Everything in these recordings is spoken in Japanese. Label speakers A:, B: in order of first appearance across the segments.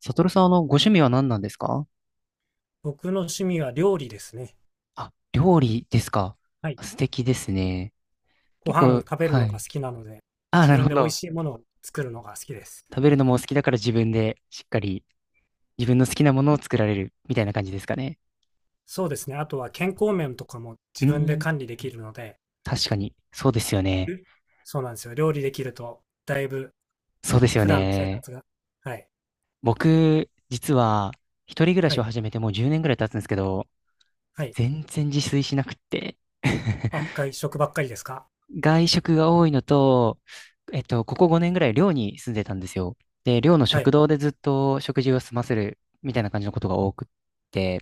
A: サトルさん、ご趣味は何なんですか？
B: 僕の趣味は料理ですね。
A: あ、料理ですか。
B: はい。
A: 素敵ですね。
B: ご
A: 結
B: 飯
A: 構、
B: 食べる
A: は
B: のが
A: い。
B: 好きなので、
A: あ、
B: 自
A: なる
B: 分
A: ほ
B: で美味
A: ど。
B: しいものを作るのが好きです。
A: 食べるのもお好きだから自分でしっかり自分の好きなものを作られるみたいな感じですかね。
B: そうですね。あとは健康面とかも
A: う
B: 自
A: ー
B: 分で
A: ん、
B: 管理できるので、
A: 確かに。そうですよね。
B: えそうなんですよ。料理できると、だいぶ
A: そうですよ
B: 普段の生
A: ね。
B: 活が。はい。
A: 僕、実は、一人暮ら
B: は
A: しを
B: い。
A: 始めてもう10年ぐらい経つんですけど、
B: はい。
A: 全然自炊しなくって。
B: あ、外食ばっかりですか？
A: 外食が多いのと、ここ5年ぐらい寮に住んでたんですよ。で、寮の
B: は
A: 食
B: い。
A: 堂でずっと食事を済ませるみたいな感じのことが多くって、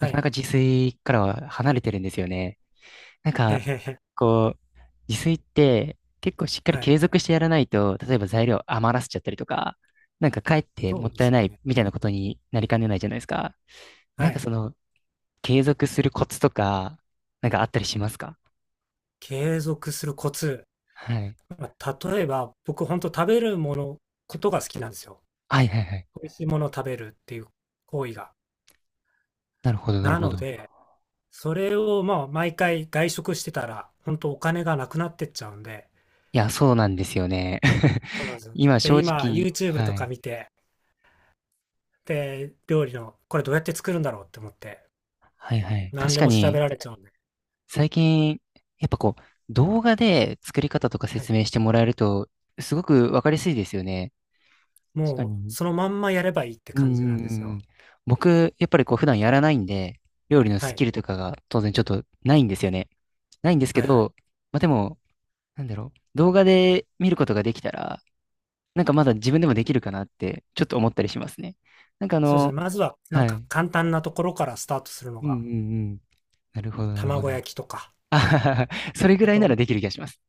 A: なかな
B: い。
A: か自炊からは離れてるんですよね。なん
B: へ
A: か、
B: へへ。
A: こう、自炊って結構しっかり
B: はい。
A: 継続してやらないと、例えば材料余らせちゃったりとか、なんかかえって
B: そ
A: も
B: う
A: っ
B: で
A: たい
B: す
A: な
B: よ
A: い
B: ね。
A: みたいなことになりかねないじゃないですか。な
B: は
A: んか
B: い。
A: その、継続するコツとか、なんかあったりしますか？
B: 継続するコツ。
A: はい。
B: まあ例えば、僕、本当食べるもの、ことが好きなんですよ。
A: はいはいはい。
B: 美味しいものを食べるっていう行為が。
A: なるほど、なる
B: な
A: ほ
B: の
A: ど。
B: で、それをまあ毎回外食してたら、本当お金がなくなってっちゃうんで、
A: いや、そうなんですよね。
B: そうなん ですよ。
A: 今、
B: で、
A: 正
B: 今
A: 直、
B: YouTube と
A: は
B: か
A: い。
B: 見て、で、料理のこれどうやって作るんだろうって思って、
A: はいはい。
B: 何
A: 確
B: で
A: か
B: も調
A: に、
B: べられちゃうんで、
A: 最近、やっぱこう、動画で作り方とか
B: はい。
A: 説明してもらえると、すごくわかりやすいですよね。確か
B: もう
A: に。
B: そのまんまやればいいって
A: うん
B: 感じな
A: う
B: ん
A: ん
B: です
A: う
B: よ。
A: ん。僕、やっぱりこう、普段やらないんで、料理の
B: は
A: ス
B: い。
A: キルとかが当然ちょっとないんですよね。ないんですけ
B: はいはい。
A: ど、まあ、でも、なんだろう。動画で見ることができたら、なんかまだ自分でもできるかなって、ちょっと思ったりしますね。なんかあ
B: そうですね。
A: の、
B: まずはなん
A: は
B: か
A: い。
B: 簡単なところからスタートするの
A: うん
B: が、
A: うんうん。なるほど、なるほ
B: 卵
A: ど。
B: 焼きとか、
A: あはははそれぐ
B: あ
A: らいな
B: と、
A: ら
B: そ
A: できる気がします。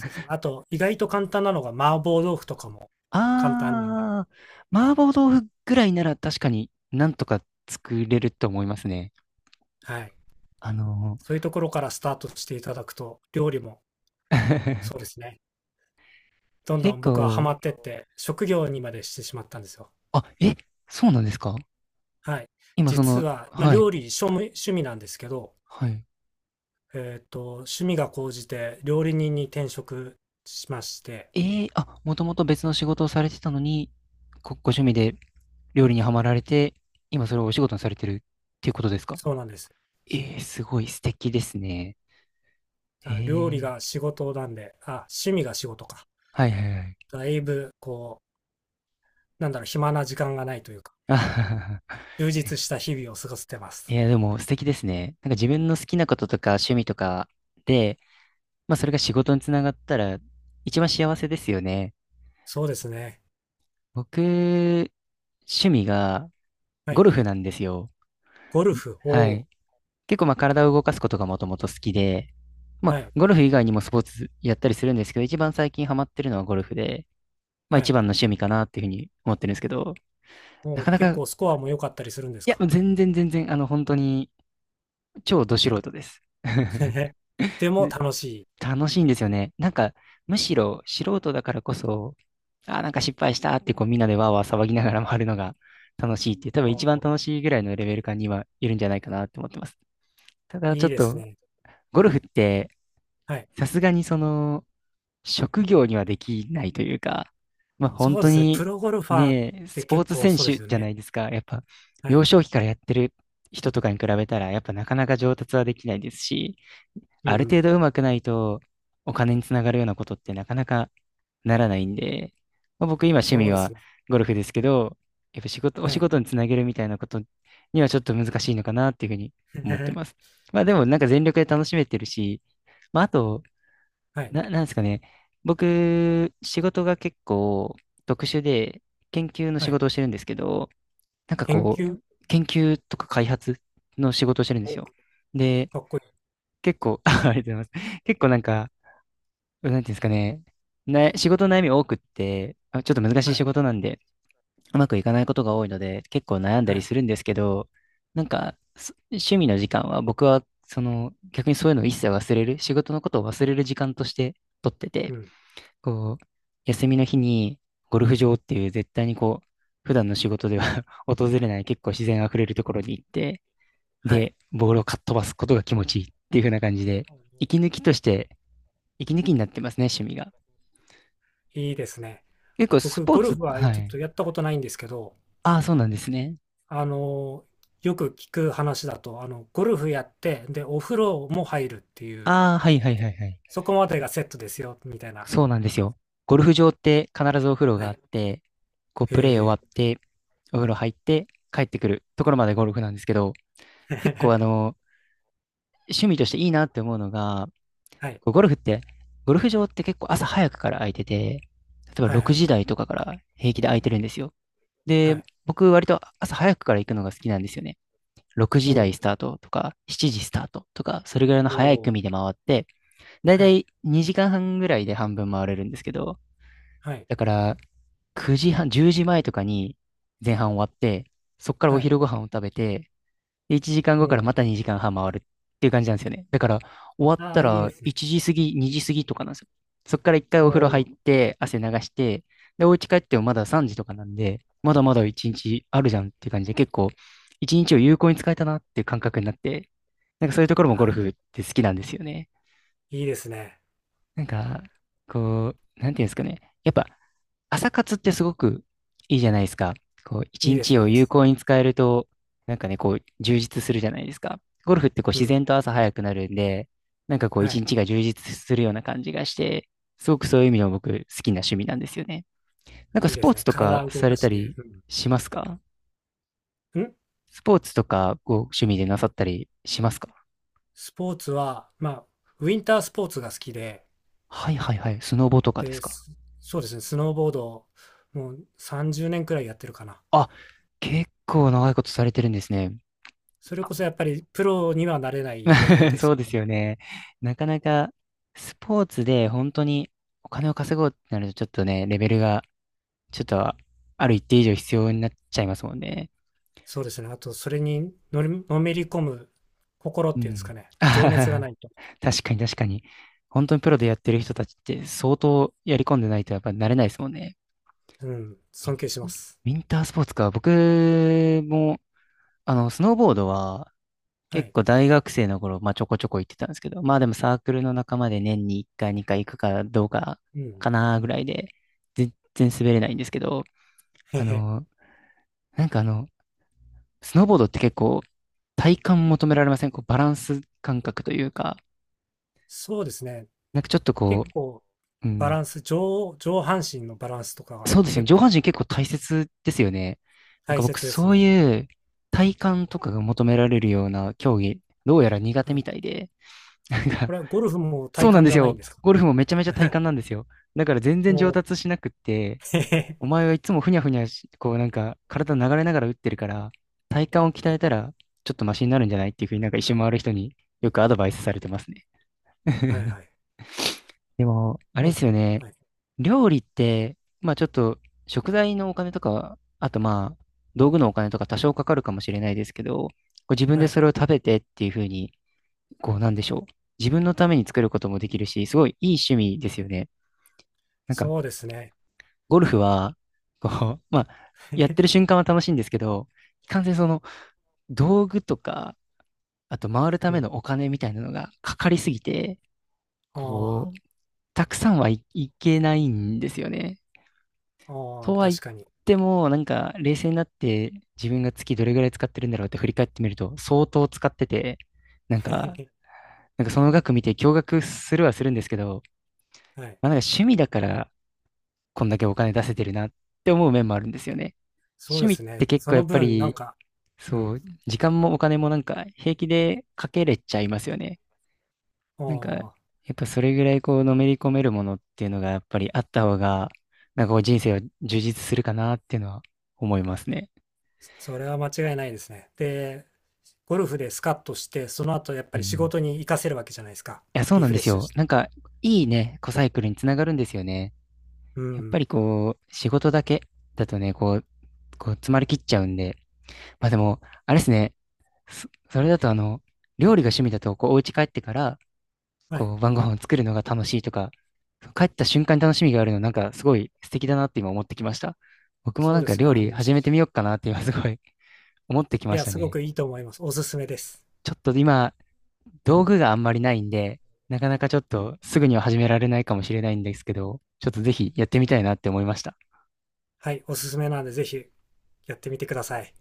B: うですね。あと、意外と簡単なのが麻婆豆腐とかも簡単なんで、
A: あー、麻婆豆腐ぐらいなら確かになんとか作れると思いますね。
B: はい。
A: あの
B: そういうところからスタートしていただくと、料理も
A: ー、
B: そうですね、どんど
A: 結
B: ん僕はハマ
A: 構、
B: ってって、職業にまでしてしまったんですよ。
A: あ、え、そうなんですか？
B: はい。
A: 今そ
B: 実
A: の、
B: は、まあ、
A: はい、
B: 料理趣味、趣味なんですけど、
A: はい。
B: 趣味が高じて料理人に転職しまして、
A: えあ、もともと別の仕事をされてたのに、ご趣味で料理にはまられて、今それをお仕事にされてるっていうことですか？
B: そうなんです。
A: すごい素敵ですね。え
B: あ、料理
A: ー、
B: が仕事なんで、あ、趣味が仕事か。
A: はいはいはい。
B: だいぶ、こう、なんだろう、暇な時間がないというか、
A: あ
B: 充 実
A: え
B: した日々を過ごせてま
A: い
B: す。
A: や、でも素敵ですね。なんか自分の好きなこととか趣味とかで、まあそれが仕事につながったら一番幸せですよね。
B: そうですね。
A: 僕、趣味が
B: は
A: ゴ
B: い。
A: ルフなんですよ。
B: ゴルフ
A: はい。
B: を、
A: 結構まあ体を動かすことがもともと好きで、ま
B: は
A: あ
B: い。
A: ゴルフ以外にもスポーツやったりするんですけど、一番最近ハマってるのはゴルフで、まあ
B: は
A: 一
B: い。
A: 番の趣味かなっていうふうに思ってるんですけど、な
B: も
A: か
B: う
A: なか、
B: 結
A: い
B: 構スコアも良かったりするんです
A: や、
B: か？
A: 全然全然、本当に超ど素人です。
B: でも楽しい。
A: 楽しいんですよね。なんか、むしろ素人だからこそ、あー、なんか失敗したってこうみんなでわーわー騒ぎながら回るのが楽しいっていう、多分一番
B: お
A: 楽しいぐらいのレベル感にはいるんじゃないかなって思ってます。ただ
B: ー、
A: ち
B: い
A: ょ
B: い
A: っ
B: です
A: と、
B: ね。
A: ゴルフって、
B: はい。
A: さすがにその、職業にはできないというか、まあ本
B: そうで
A: 当
B: すね。プ
A: に
B: ロゴルファーっ
A: ね、
B: て
A: スポー
B: 結
A: ツ
B: 構
A: 選
B: そうで
A: 手
B: すよ
A: じゃな
B: ね。
A: いですか。やっぱ、
B: は
A: 幼
B: い。
A: 少期からやってる人とかに比べたら、やっぱなかなか上達はできないですし、
B: うん
A: あ
B: う
A: る
B: ん。
A: 程度上手くないと、お金につながるようなことってなかなかならないんで、まあ、僕今趣
B: そ
A: 味
B: うです
A: は
B: ね。
A: ゴルフですけど、やっぱ仕事、お
B: は
A: 仕
B: い。
A: 事につなげるみたいなことにはちょっと難しいのかなっていうふうに思ってま す。まあでもなんか全力で楽しめてるし、まああと、
B: はい。
A: なんですかね、僕、仕事が結構特殊で研究の
B: は
A: 仕
B: い。
A: 事をしてるんですけど、なんか
B: 研
A: こ
B: 究、
A: う、研究とか開発の仕事をしてるんです
B: お、
A: よ。
B: か
A: で、
B: っこいい。
A: 結構、ありがとうございます。結構なんか、なんていうんですかね。仕事の悩み多くって、あ、ちょっと難し
B: は
A: い仕
B: い。
A: 事なんで、うまくいかないことが多いので、結構悩んだ
B: は
A: り
B: い。
A: するんですけど、なんか、趣味の時間は僕は、その、逆にそういうのを一切忘れる、仕事のことを忘れる時間として取って
B: う
A: て、
B: ん。
A: こう、休みの日にゴルフ場っていう絶対にこう、普段の仕事では 訪れない結構自然あふれるところに行って、
B: はい。
A: で、ボールをかっ飛ばすことが気持ちいいっていう風な感じで、息抜きとして、息抜きになってますね、趣味が。
B: いいですね。
A: 結構ス
B: 僕、
A: ポー
B: ゴル
A: ツ、
B: フは
A: は
B: ちょっ
A: い。
B: とやったことないんですけど、
A: ああ、そうなんですね。
B: あのーよく聞く話だと、あの、ゴルフやって、で、お風呂も入るっていう、
A: ああ、はいはいはいはい。
B: そこまでがセットですよ、みたいな。
A: そうなんですよ。ゴルフ場って必ずお風呂
B: は
A: があっ
B: い。
A: て、こうプレー
B: へ
A: 終わっ
B: え。
A: て、お風呂入って帰ってくるところまでゴルフなんですけど、結構あ の、趣味としていいなって思うのが、
B: はい。
A: こうゴルフって、ゴルフ場って結構朝早くから空いてて、例えば
B: はいは
A: 6
B: い。
A: 時台とかから平気で空いてるんですよ。
B: は
A: で、
B: い。
A: 僕割と朝早くから行くのが好きなんですよね。6
B: お
A: 時台
B: お、
A: スタートとか、7時スタートとか、それぐらいの
B: お
A: 早い
B: お、
A: 組で回って、だい
B: は
A: た
B: い。
A: い2時間半ぐらいで半分回れるんですけど、
B: はい。
A: だから9時半、10時前とかに前半終わって、そっからお
B: はい。
A: 昼ご飯を食べて、で1時間
B: お
A: 後
B: お、
A: から
B: お、
A: また2時間半回るっていう感じなんですよね。だから
B: はいはいはい、お
A: 終わっ
B: お、あ
A: た
B: あ、いいで
A: ら
B: すね。
A: 1時過ぎ、2時過ぎとかなんですよ。そっから一回
B: お
A: お風呂入っ
B: お。
A: て汗流して、で、お家帰ってもまだ3時とかなんで、まだまだ1日あるじゃんっていう感じで結構1日を有効に使えたなっていう感覚になって、なんかそういうところもゴ
B: は
A: ルフ
B: い。
A: って好きなんですよね。
B: いいですね。
A: なんか、こう、なんていうんですかね。やっぱ、朝活ってすごくいいじゃないですか。こう、
B: い
A: 一
B: いです、
A: 日
B: いい
A: を
B: で
A: 有
B: す。
A: 効に使えると、なんかね、こう、充実するじゃないですか。ゴルフってこう、
B: う
A: 自
B: ん。
A: 然と朝早くなるんで、なんかこう、
B: は
A: 一
B: い。
A: 日が充実するような感じがして、すごくそういう意味でも僕、好きな趣味なんですよね。なんか、
B: いい
A: ス
B: で
A: ポー
B: す
A: ツ
B: ね。
A: とか
B: 体を動
A: さ
B: か
A: れた
B: して。
A: り
B: うん。
A: しますか？
B: ん、
A: スポーツとか、こう、趣味でなさったりしますか？
B: スポーツは、まあ、ウィンタースポーツが好きで、
A: はいはいはい。スノボとかです
B: で、
A: か？
B: そうですね、スノーボードをもう30年くらいやってるかな。
A: あ、結構長いことされてるんですね。
B: それこそやっぱりプロにはなれないレベル で
A: そ
B: す
A: う
B: け
A: で
B: ど、
A: すよね。なかなかスポーツで本当にお金を稼ごうってなるとちょっとね、レベルがちょっとある一定以上必要になっちゃいますもんね。
B: そうですね。あと、それにのり、のめり込む心っ
A: う
B: ていうんですか
A: ん。
B: ね。情熱がな いと。
A: 確かに確かに。本当にプロでやってる人たちって相当やり込んでないとやっぱ慣れないですもんね。
B: うん、尊敬します。
A: ウィンタースポーツか。僕も、スノーボードは
B: は
A: 結
B: い。
A: 構大学生の頃、まあちょこちょこ行ってたんですけど、まあでもサークルの仲間で年に1回2回行くかどうか
B: うん。
A: かなぐらいで、全然滑れないんですけど、
B: へ
A: あ
B: へ。
A: の、なんかスノーボードって結構体感求められません？こうバランス感覚というか、
B: そうですね。
A: なんかちょっとこ
B: 結構、
A: う、う
B: バ
A: ん、
B: ランス、上、上半身のバランスとかが
A: そうですよね。
B: 結
A: 上半
B: 構
A: 身結構大切ですよね。なん
B: 大
A: か僕
B: 切です
A: そう
B: ね。
A: いう体感とかが求められるような競技、どうやら苦
B: は
A: 手み
B: い。
A: たいで、なん
B: こ
A: か
B: れはゴルフも体
A: そうなん
B: 幹
A: で
B: じ
A: す
B: ゃないん
A: よ。
B: ですか？
A: ゴルフもめちゃめちゃ体 幹なんですよ。だから全然上
B: も
A: 達しなくって、
B: う、へ
A: お
B: へ。
A: 前はいつもふにゃふにゃし、こうなんか体流れながら打ってるから、体幹を鍛
B: はい。
A: えたらちょっとマシになるんじゃないっていうふうになんか一周回る人によくアドバイスされてますね。
B: はい はい。
A: でも、あれ
B: も
A: です
B: う、
A: よね。
B: はい。
A: 料理って、まあちょっと食材のお金とか、あとまあ道具のお金とか多少かかるかもしれないですけど、こう自分
B: は
A: で
B: い。
A: それを食べてっていうふうに、こうなんでしょう。自分のために作ることもできるし、すごいいい趣味ですよね。なんか、
B: そうですね。
A: ゴルフは、こう、まあ、やってる 瞬間は楽しいんですけど、いかんせんその、道具とか、あと回るた
B: う
A: め
B: ん。
A: のお金みたいなのがかかりすぎて、
B: あ
A: こう、たくさんはい、いけないんですよね。
B: あ、あ
A: と
B: あ、
A: は言っ
B: 確かに。
A: ても、なんか、冷静になって自分が月どれぐらい使ってるんだろうって振り返ってみると、相当使ってて、なんか、その額見て驚愕するはするんですけど、
B: はい。
A: まあ、なんか趣味だからこんだけお金出せてるなって思う面もあるんですよね。
B: そう
A: 趣
B: で
A: 味っ
B: す
A: て
B: ね。
A: 結
B: そ
A: 構や
B: の
A: っぱ
B: 分、なん
A: り、
B: か、う
A: そ
B: ん。
A: う、時間もお金もなんか平気でかけれちゃいますよね。なんか、や
B: おー、
A: っぱそれぐらいこうのめり込めるものっていうのがやっぱりあった方が、なんかこう人生を充実するかなっていうのは思いますね。
B: それは間違いないですね。で、ゴルフでスカッとして、その後やっ
A: う
B: ぱ
A: ん。
B: り仕
A: い
B: 事に活かせるわけじゃないですか。
A: や、そう
B: リ
A: なん
B: フ
A: で
B: レッ
A: す
B: シュ
A: よ。
B: して。
A: なんか、いいね、コサイクルにつながるんですよね。
B: う
A: やっぱ
B: ん。
A: りこう、仕事だけだとね、こう詰まりきっちゃうんで、まあでも、あれですね。それだとあの、料理が趣味だと、こう、お家帰ってから、
B: はい。
A: こう、晩ご飯を作るのが楽しいとか、帰った瞬間に楽しみがあるの、なんかすごい素敵だなって今思ってきました。僕も
B: そ
A: な
B: う
A: ん
B: で
A: か
B: すね。
A: 料理
B: い
A: 始めてみようかなって今すごい 思ってきまし
B: や、
A: た
B: すご
A: ね。
B: くいいと思います。おすすめです。
A: ちょっと今、道具があんまりないんで、なかなかちょっとすぐには始められないかもしれないんですけど、ちょっとぜひやってみたいなって思いました。
B: はい。おすすめなんで、ぜひやってみてください。